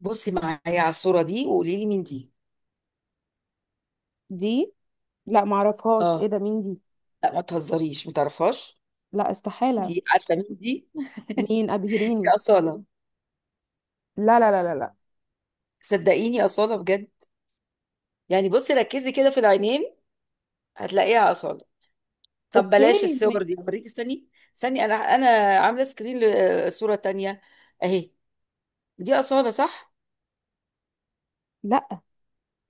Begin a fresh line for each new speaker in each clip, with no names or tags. بصي معايا على الصورة دي وقولي لي مين دي.
دي. لا معرفهاش،
اه،
ايه ده؟ مين دي؟
لا ما تهزريش ما تعرفهاش.
لا، استحالة.
دي عارفة مين دي؟
مين؟
دي
ابهريني.
أصالة.
لا لا لا لا لا.
صدقيني أصالة بجد. يعني بصي ركزي كده في العينين، هتلاقيها أصالة. طب
اوكي
بلاش الصور دي، هوريكي استني. استني، أنا عاملة سكرين لصورة تانية. أهي، دي أصالة صح؟
لا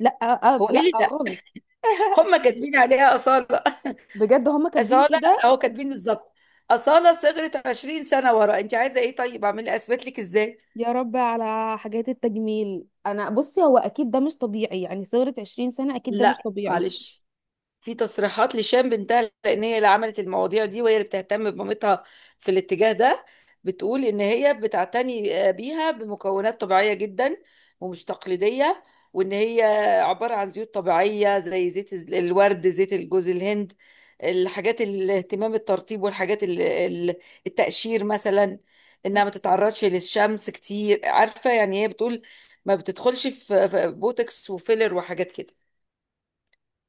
لا، أه
هو إيه
لا
اللي ده؟
خالص.
هما كاتبين عليها أصالة.
بجد هما كاتبين
أصالة،
كده.
أهو كاتبين بالظبط أصالة. صغرت 20 سنة ورا، أنت عايزة إيه؟ طيب أعمل أثبت لك إزاي؟
يا رب على حاجات التجميل، انا بصي هو اكيد ده مش طبيعي، يعني صغرت 20 سنة اكيد ده مش
لا
طبيعي.
معلش، في تصريحات لشام بنتها، لان هي اللي عملت المواضيع دي وهي اللي بتهتم بمامتها في الاتجاه ده. بتقول ان هي بتعتني بيها بمكونات طبيعيه جدا، ومش تقليديه، وان هي عباره عن زيوت طبيعيه زي الورد، زيت الجوز الهند. الحاجات، الاهتمام، الترطيب، والحاجات التقشير مثلا، انها ما تتعرضش للشمس كتير. عارفه يعني هي بتقول ما بتدخلش في بوتوكس وفيلر وحاجات كده.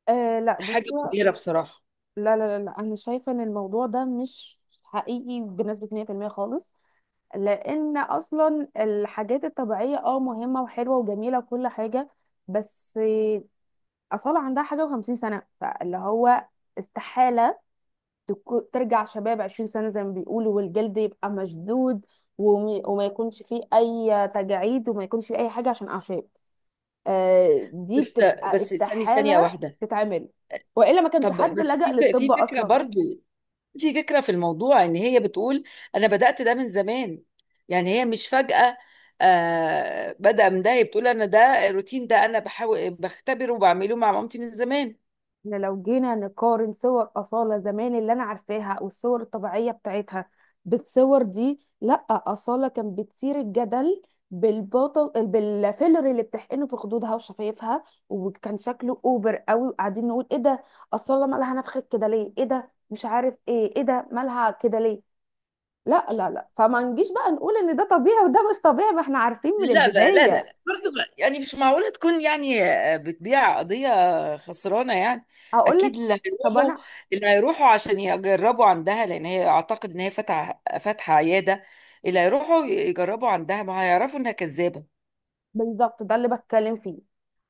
آه لا
حاجه
بصي،
مبهره بصراحه.
لا لا لا لا انا شايفة ان الموضوع ده مش حقيقي بنسبة 100% خالص. لان اصلا الحاجات الطبيعية مهمة وحلوة وجميلة وكل حاجة، بس أصالة عندها حاجة وخمسين سنة، فاللي هو استحالة ترجع شباب 20 سنة زي ما بيقولوا، والجلد يبقى مشدود وما يكونش فيه أي تجاعيد وما يكونش فيه أي حاجة عشان أعشاب. دي
بس
بتبقى
بس استني ثانية
استحالة
واحدة.
تتعمل، وإلا ما كانش
طب
حد
بس
لجأ للطب
في فكرة
أصلا.
برضو، في فكرة في الموضوع، ان هي بتقول انا بدأت ده من زمان. يعني هي مش فجأة، آه بدأ من ده. هي بتقول انا ده الروتين ده انا بحاول بختبره وبعمله مع مامتي من زمان.
احنا لو جينا نقارن صور أصالة زمان اللي أنا عارفاها أو الصور الطبيعية بتاعتها بالصور دي، لأ أصالة كان بتثير الجدل بالبطل بالفيلر اللي بتحقنه في خدودها وشفايفها، وكان شكله اوفر قوي، وقاعدين نقول ايه ده، أصالة مالها نفخت كده ليه، ايه ده مش عارف ايه، ايه ده مالها كده ليه. لا لا لا، فما نجيش بقى نقول ان ده طبيعي وده مش طبيعي، ما احنا عارفين من
لا بقى، لا لا
البداية.
لا برضه بقى، يعني مش معقولة تكون، يعني بتبيع قضية خسرانة يعني.
هقول
أكيد
لك.
اللي
طب
هيروحوا،
انا
اللي هيروحوا عشان يجربوا عندها، لأن هي أعتقد إن هي فاتحة عيادة، اللي هيروحوا يجربوا عندها ما هيعرفوا إنها كذابة.
بالظبط ده اللي بتكلم فيه،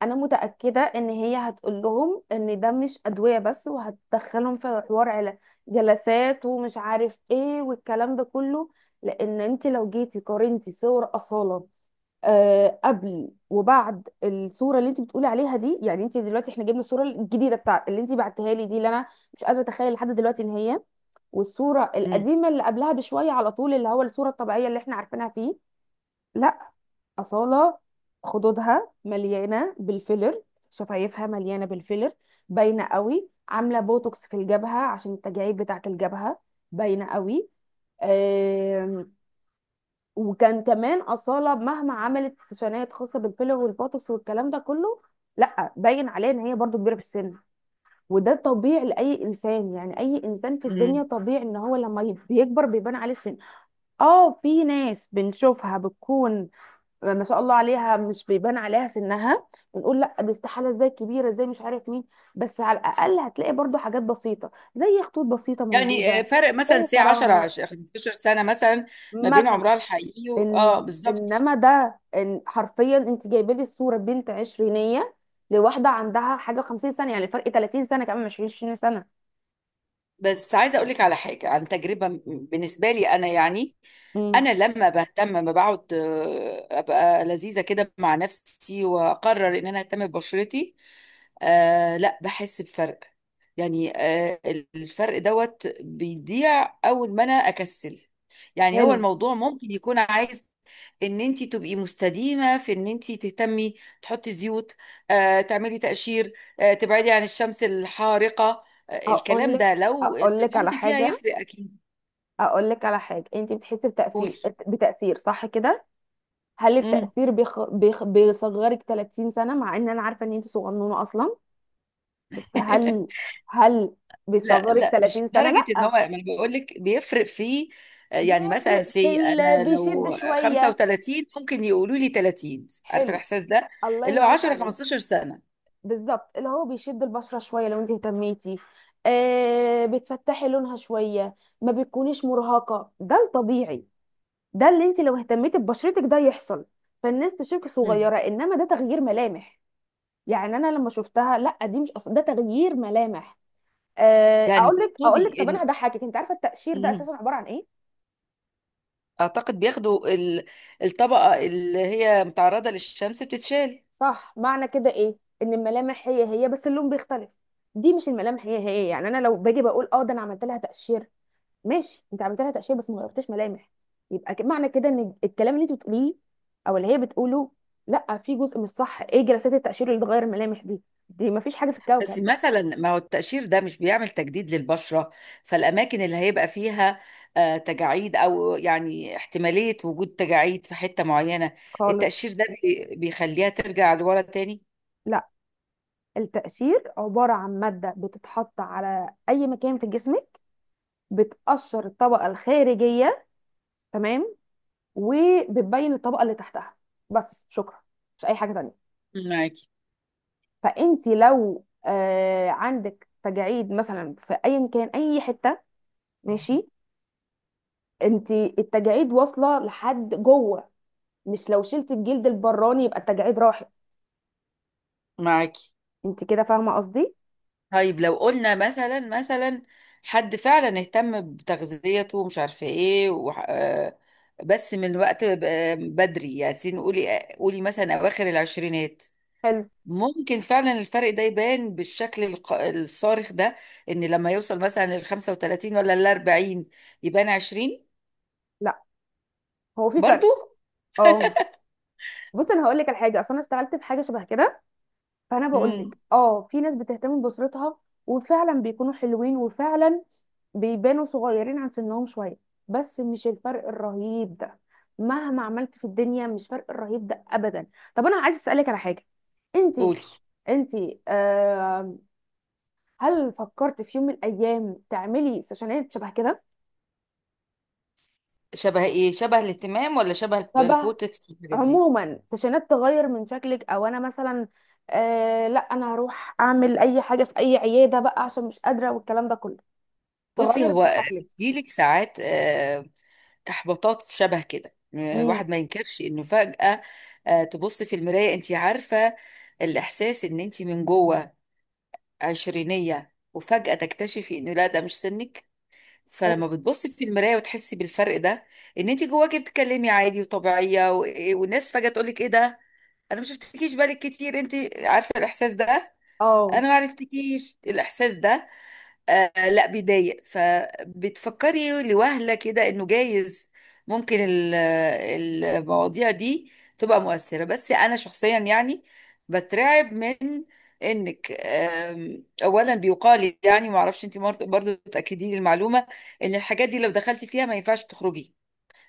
انا متاكده ان هي هتقول لهم ان ده مش ادويه بس، وهتدخلهم في حوار على جلسات ومش عارف ايه والكلام ده كله. لان انت لو جيتي قارنتي صور اصاله آه قبل وبعد الصوره اللي انت بتقولي عليها دي، يعني انت دلوقتي احنا جبنا الصوره الجديده بتاع اللي انت بعتها لي دي، اللي انا مش قادره اتخيل لحد دلوقتي ان هي، والصوره
مم.
القديمه اللي قبلها بشويه على طول اللي هو الصوره الطبيعيه اللي احنا عارفينها فيه. لا. أصالة خدودها مليانة بالفيلر، شفايفها مليانة بالفيلر، باينة قوي، عاملة بوتوكس في الجبهة عشان التجاعيد بتاعة الجبهة باينة قوي. آم، وكان كمان أصالة مهما عملت سيشنات خاصة بالفيلر والبوتوكس والكلام ده كله، لا باين عليها ان هي برضو كبيرة في السن. وده طبيعي لأي إنسان، يعني أي إنسان في
مم.
الدنيا طبيعي ان هو لما بيكبر بيبان عليه السن. اه، في ناس بنشوفها بتكون ما شاء الله عليها مش بيبان عليها سنها، بنقول لا دي استحاله، ازاي كبيره، ازاي، مش عارف مين. بس على الاقل هتلاقي برضو حاجات بسيطه زي خطوط بسيطه
يعني
موجوده،
فرق مثلا
زي
ساعة
ترهل
10 15 سنة مثلا ما بين
مثلا.
عمرها الحقيقي اه
إن
بالظبط.
انما ده إن حرفيا انت جايبه لي صوره بنت عشرينيه لواحده عندها حاجه 50 سنه، يعني فرق 30 سنه كمان مش 20 سنه.
بس عايزه اقول لك على حاجه عن تجربه بالنسبه لي انا يعني،
امم.
انا لما بهتم، لما بقعد ابقى لذيذه كده مع نفسي واقرر ان انا اهتم ببشرتي، آه لا بحس بفرق. يعني آه، الفرق دوت بيضيع اول ما انا اكسل. يعني هو
حلو.
الموضوع ممكن يكون عايز ان انت تبقي مستديمه في ان انت تهتمي، تحطي زيوت، آه تعملي تقشير، آه تبعدي عن الشمس الحارقه.
اقول
الكلام
لك،
ده لو
اقول لك على
التزمتي فيها
حاجه،
هيفرق اكيد.
اقول لك على حاجه، انت بتحسي
قولي.
بتاثير صح كده؟ هل
امم.
التأثير بيصغرك 30 سنة، مع ان انا عارفة ان انت صغنونة اصلا، بس هل، هل
لا
بيصغرك
لا، مش
30 سنة؟
لدرجه ان هو،
لا.
ما انا بقول لك بيفرق في، يعني مثلا
بيفرق
انا
بيشد
لو
شوية.
35 ممكن يقولوا لي 30، عارفه
حلو.
الاحساس ده؟
الله
اللي هو
ينور
10
عليك.
15 سنه.
بالظبط، اللي هو بيشد البشرة شوية لو انت اهتميتي، آه بتفتحي لونها شوية، ما بتكونيش مرهقة، ده الطبيعي، ده اللي انت لو اهتميتي ببشرتك ده يحصل، فالناس تشوفك
مم.
صغيرة. انما ده تغيير ملامح، يعني انا لما شفتها، لا دي مش، اصلا ده تغيير ملامح.
يعني
اقول لك، اقول لك،
تقصدي
طب انا
ان،
هضحكك، انت عارفه التقشير ده
مم،
اساسا عباره عن ايه؟
اعتقد بياخدوا الطبقه اللي هي متعرضه للشمس بتتشال.
صح. معنى كده ايه؟ ان الملامح هي هي بس اللون بيختلف. دي مش الملامح هي هي، يعني انا لو باجي بقول اه ده انا عملت لها تقشير، ماشي انت عملت لها تقشير بس ما غيرتش ملامح. يبقى معنى كده ان الكلام اللي انت بتقوليه او اللي هي بتقوله، لا في جزء مش صح. ايه جلسات التقشير اللي تغير الملامح دي؟ دي ما فيش حاجه في
بس
الكوكب
مثلا ما هو التقشير ده مش بيعمل تجديد للبشرة؟ فالأماكن اللي هيبقى فيها تجاعيد أو يعني احتمالية وجود تجاعيد في حتة معينة،
خالص.
التقشير ده بيخليها ترجع لورا تاني.
لا، التقشير عبارة عن مادة بتتحط على أي مكان في جسمك، بتقشر الطبقة الخارجية، تمام، وبتبين الطبقة اللي تحتها، بس. شكرا. مش أي حاجة تانية.
معاكي.
فأنت لو آه عندك تجاعيد مثلا في أيا كان أي حتة، ماشي، أنت التجاعيد واصلة لحد جوه، مش لو شلت الجلد البراني يبقى التجاعيد راحت.
معاكي.
أنت كده فاهمة قصدي؟
طيب لو قلنا مثلا، مثلا حد فعلا اهتم بتغذيته ومش عارفة ايه بس من وقت بدري يعني قولي قولي مثلا أواخر العشرينات،
حلو.
ممكن فعلا الفرق ده يبان بالشكل الصارخ ده، ان لما يوصل مثلا لل 35 ولا لل 40 يبان 20؟
لا، هو في فرق.
برضو.
اه. بص انا هقول لك على حاجه، اصل انا اشتغلت في حاجه شبه كده، فانا بقول لك
امم.
اه في ناس بتهتم باسرتها، وفعلا بيكونوا حلوين وفعلا بيبانوا صغيرين عن سنهم شويه، بس مش الفرق الرهيب ده. مهما عملت في الدنيا مش فرق الرهيب ده ابدا. طب انا عايز اسالك على حاجه. انت
قولي.
انت آه، هل فكرت في يوم من الايام تعملي سيشنات شبه كده؟
شبه ايه؟ شبه الاهتمام ولا شبه
شبه،
البوتكس والحاجات دي؟
عموما سيشنات تغير من شكلك، او انا مثلا آه لا، انا هروح اعمل اي حاجه في اي عياده بقى عشان مش قادره والكلام ده كله،
بصي
تغير من
هو
شكلك.
بيجيلك ساعات احباطات شبه كده.
امم.
واحد ما ينكرش انه فجأة تبص في المراية، انت عارفة الاحساس ان انت من جوه عشرينية وفجأة تكتشفي انه لا، ده مش سنك.
حلو.
فلما بتبصي في المرايه وتحسي بالفرق ده، ان انت جواكي بتتكلمي عادي وطبيعيه و... إيه، والناس فجاه تقول لك ايه ده، انا ما شفتكيش، بالك كتير. انت عارفه الاحساس ده؟ انا
اه.
ما عرفتكيش الاحساس ده. آه لا بيضايق. فبتفكري لوهلة كده انه جايز ممكن المواضيع دي تبقى مؤثرة. بس انا شخصيا يعني بترعب من انك اولا بيقال، يعني ما اعرفش، انت برضو تاكدي لي المعلومه، ان الحاجات دي لو دخلتي فيها ما ينفعش تخرجي.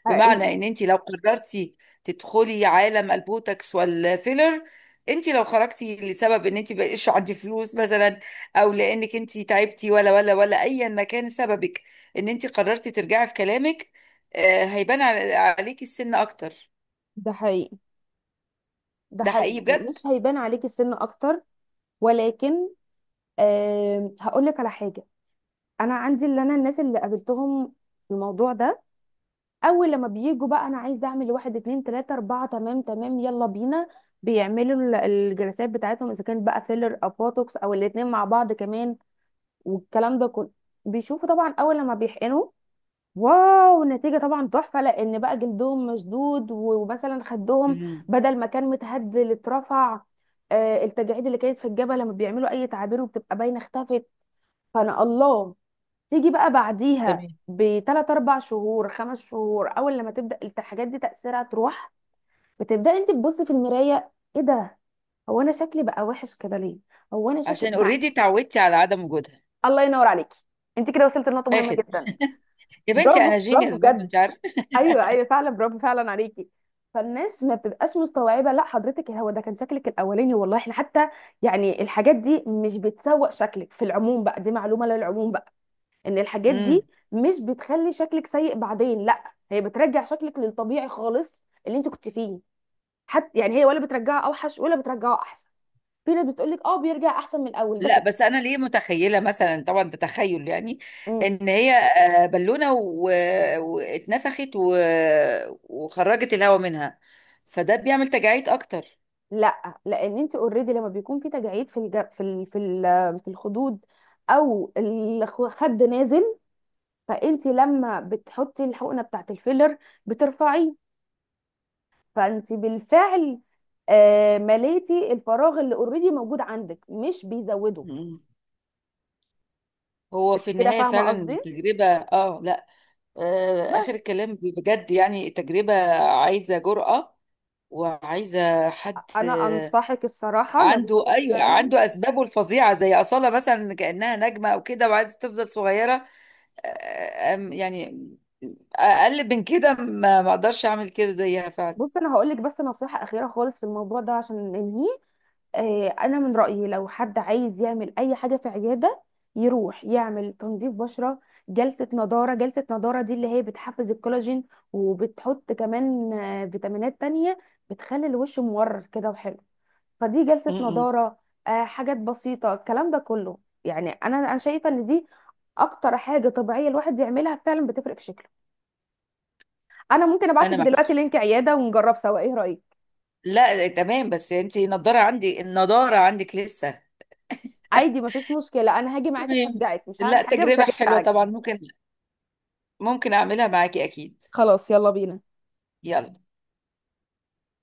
حقيقي.
بمعنى ان انت لو قررتي تدخلي عالم البوتوكس والفيلر، انت لو خرجتي لسبب ان انت بقيش عندي فلوس مثلا، او لانك انت تعبتي ولا ايا ما كان سببك، ان انت قررتي ترجعي في كلامك، هيبان عليكي السن اكتر.
ده حقيقي، ده
ده
حقيقي
حقيقي بجد.
مش هيبان عليكي السن اكتر. ولكن، أه هقول لك على حاجه، انا عندي اللي انا الناس اللي قابلتهم في الموضوع ده اول لما بيجوا بقى، انا عايزه اعمل واحد اتنين تلاته اربعه، تمام تمام يلا بينا، بيعملوا الجلسات بتاعتهم اذا كان بقى فيلر او بوتوكس او الاتنين مع بعض كمان والكلام ده كله. بيشوفوا طبعا اول لما بيحقنوا، واو، النتيجة طبعا تحفة، لأن بقى جلدهم مشدود ومثلا خدهم
مم.
بدل ما كان متهدل اترفع. التجاعيد اللي كانت في الجبهة لما بيعملوا أي تعابير وبتبقى باينة اختفت. فأنا الله، تيجي بقى بعديها
تمام،
بتلات أربع شهور خمس شهور، أول لما تبدأ الحاجات دي تأثيرها تروح، بتبدأ أنت تبصي في المراية، إيه ده، هو أنا شكلي بقى وحش كده ليه، هو أنا شكلي
عشان
مع...
اوريدي اتعودتي على عدم وجودها.
الله ينور عليكي. أنت كده وصلت لنقطة مهمة
اخد.
جدا.
يا بنتي انا
برافو برافو
جينيوس برضه
بجد.
انت عارفه.
ايوه ايوه فعلا برافو فعلا عليكي. فالناس ما بتبقاش مستوعبه، لا حضرتك هو ده كان شكلك الاولاني والله، احنا حتى يعني الحاجات دي مش بتسوق شكلك في العموم بقى، دي معلومه للعموم بقى، ان الحاجات
مم.
دي مش بتخلي شكلك سيء بعدين، لا هي بترجع شكلك للطبيعي خالص اللي انت كنت فيه. حتى يعني هي ولا بترجعه اوحش ولا بترجعه احسن. في ناس بتقول لك اه بيرجع احسن من الاول ده
لا
كده.
بس انا ليه متخيله، مثلا طبعا ده تخيل يعني،
إمم.
ان هي بالونه واتنفخت وخرجت الهواء منها، فده بيعمل تجاعيد اكتر.
لا لان انت اوريدي لما بيكون في تجاعيد في الج... في ال... في ال... في الخدود او الخد نازل، فانت لما بتحطي الحقنه بتاعت الفيلر بترفعيه، فانت بالفعل مليتي الفراغ اللي اوريدي موجود عندك، مش بيزوده.
مم. هو في
انت كده
النهايه
فاهمه
فعلا
قصدي؟
تجربه، اه لا. آه
بس
اخر الكلام بجد، يعني تجربه عايزه جرأة، وعايزه حد
انا انصحك الصراحه لو
عنده،
انت
ايوه
فعلا،
عنده اسبابه الفظيعه زي اصاله مثلا كانها نجمه او كده وعايزه تفضل صغيره. يعني اقل من كده، ما اقدرش اعمل كده زيها فعلا.
بص انا هقول لك بس نصيحه اخيره خالص في الموضوع ده عشان ننهيه. انا من رايي لو حد عايز يعمل اي حاجه في عياده، يروح يعمل تنظيف بشره، جلسه نضاره. جلسه نضاره دي اللي هي بتحفز الكولاجين، وبتحط كمان فيتامينات تانية بتخلي الوش مورر كده وحلو، فدي
م-
جلسه
م.
نضاره، حاجات بسيطه الكلام ده كله. يعني انا شايفه ان دي اكتر حاجه طبيعيه الواحد يعملها فعلا بتفرق في شكله. انا ممكن ابعتك
انا معك.
دلوقتي لينك عياده ونجرب سوا، ايه رايك؟
لا تمام، بس انت النضاره عندي، النضاره عندك لسه.
عادي مفيش مشكله، انا هاجي معاكي
تمام.
اشجعك، مش هعمل
لا
حاجه بس
تجربه
هاجي
حلوه
أشجعك.
طبعا، ممكن، ممكن اعملها معاكي اكيد.
خلاص يلا بينا.
يلا.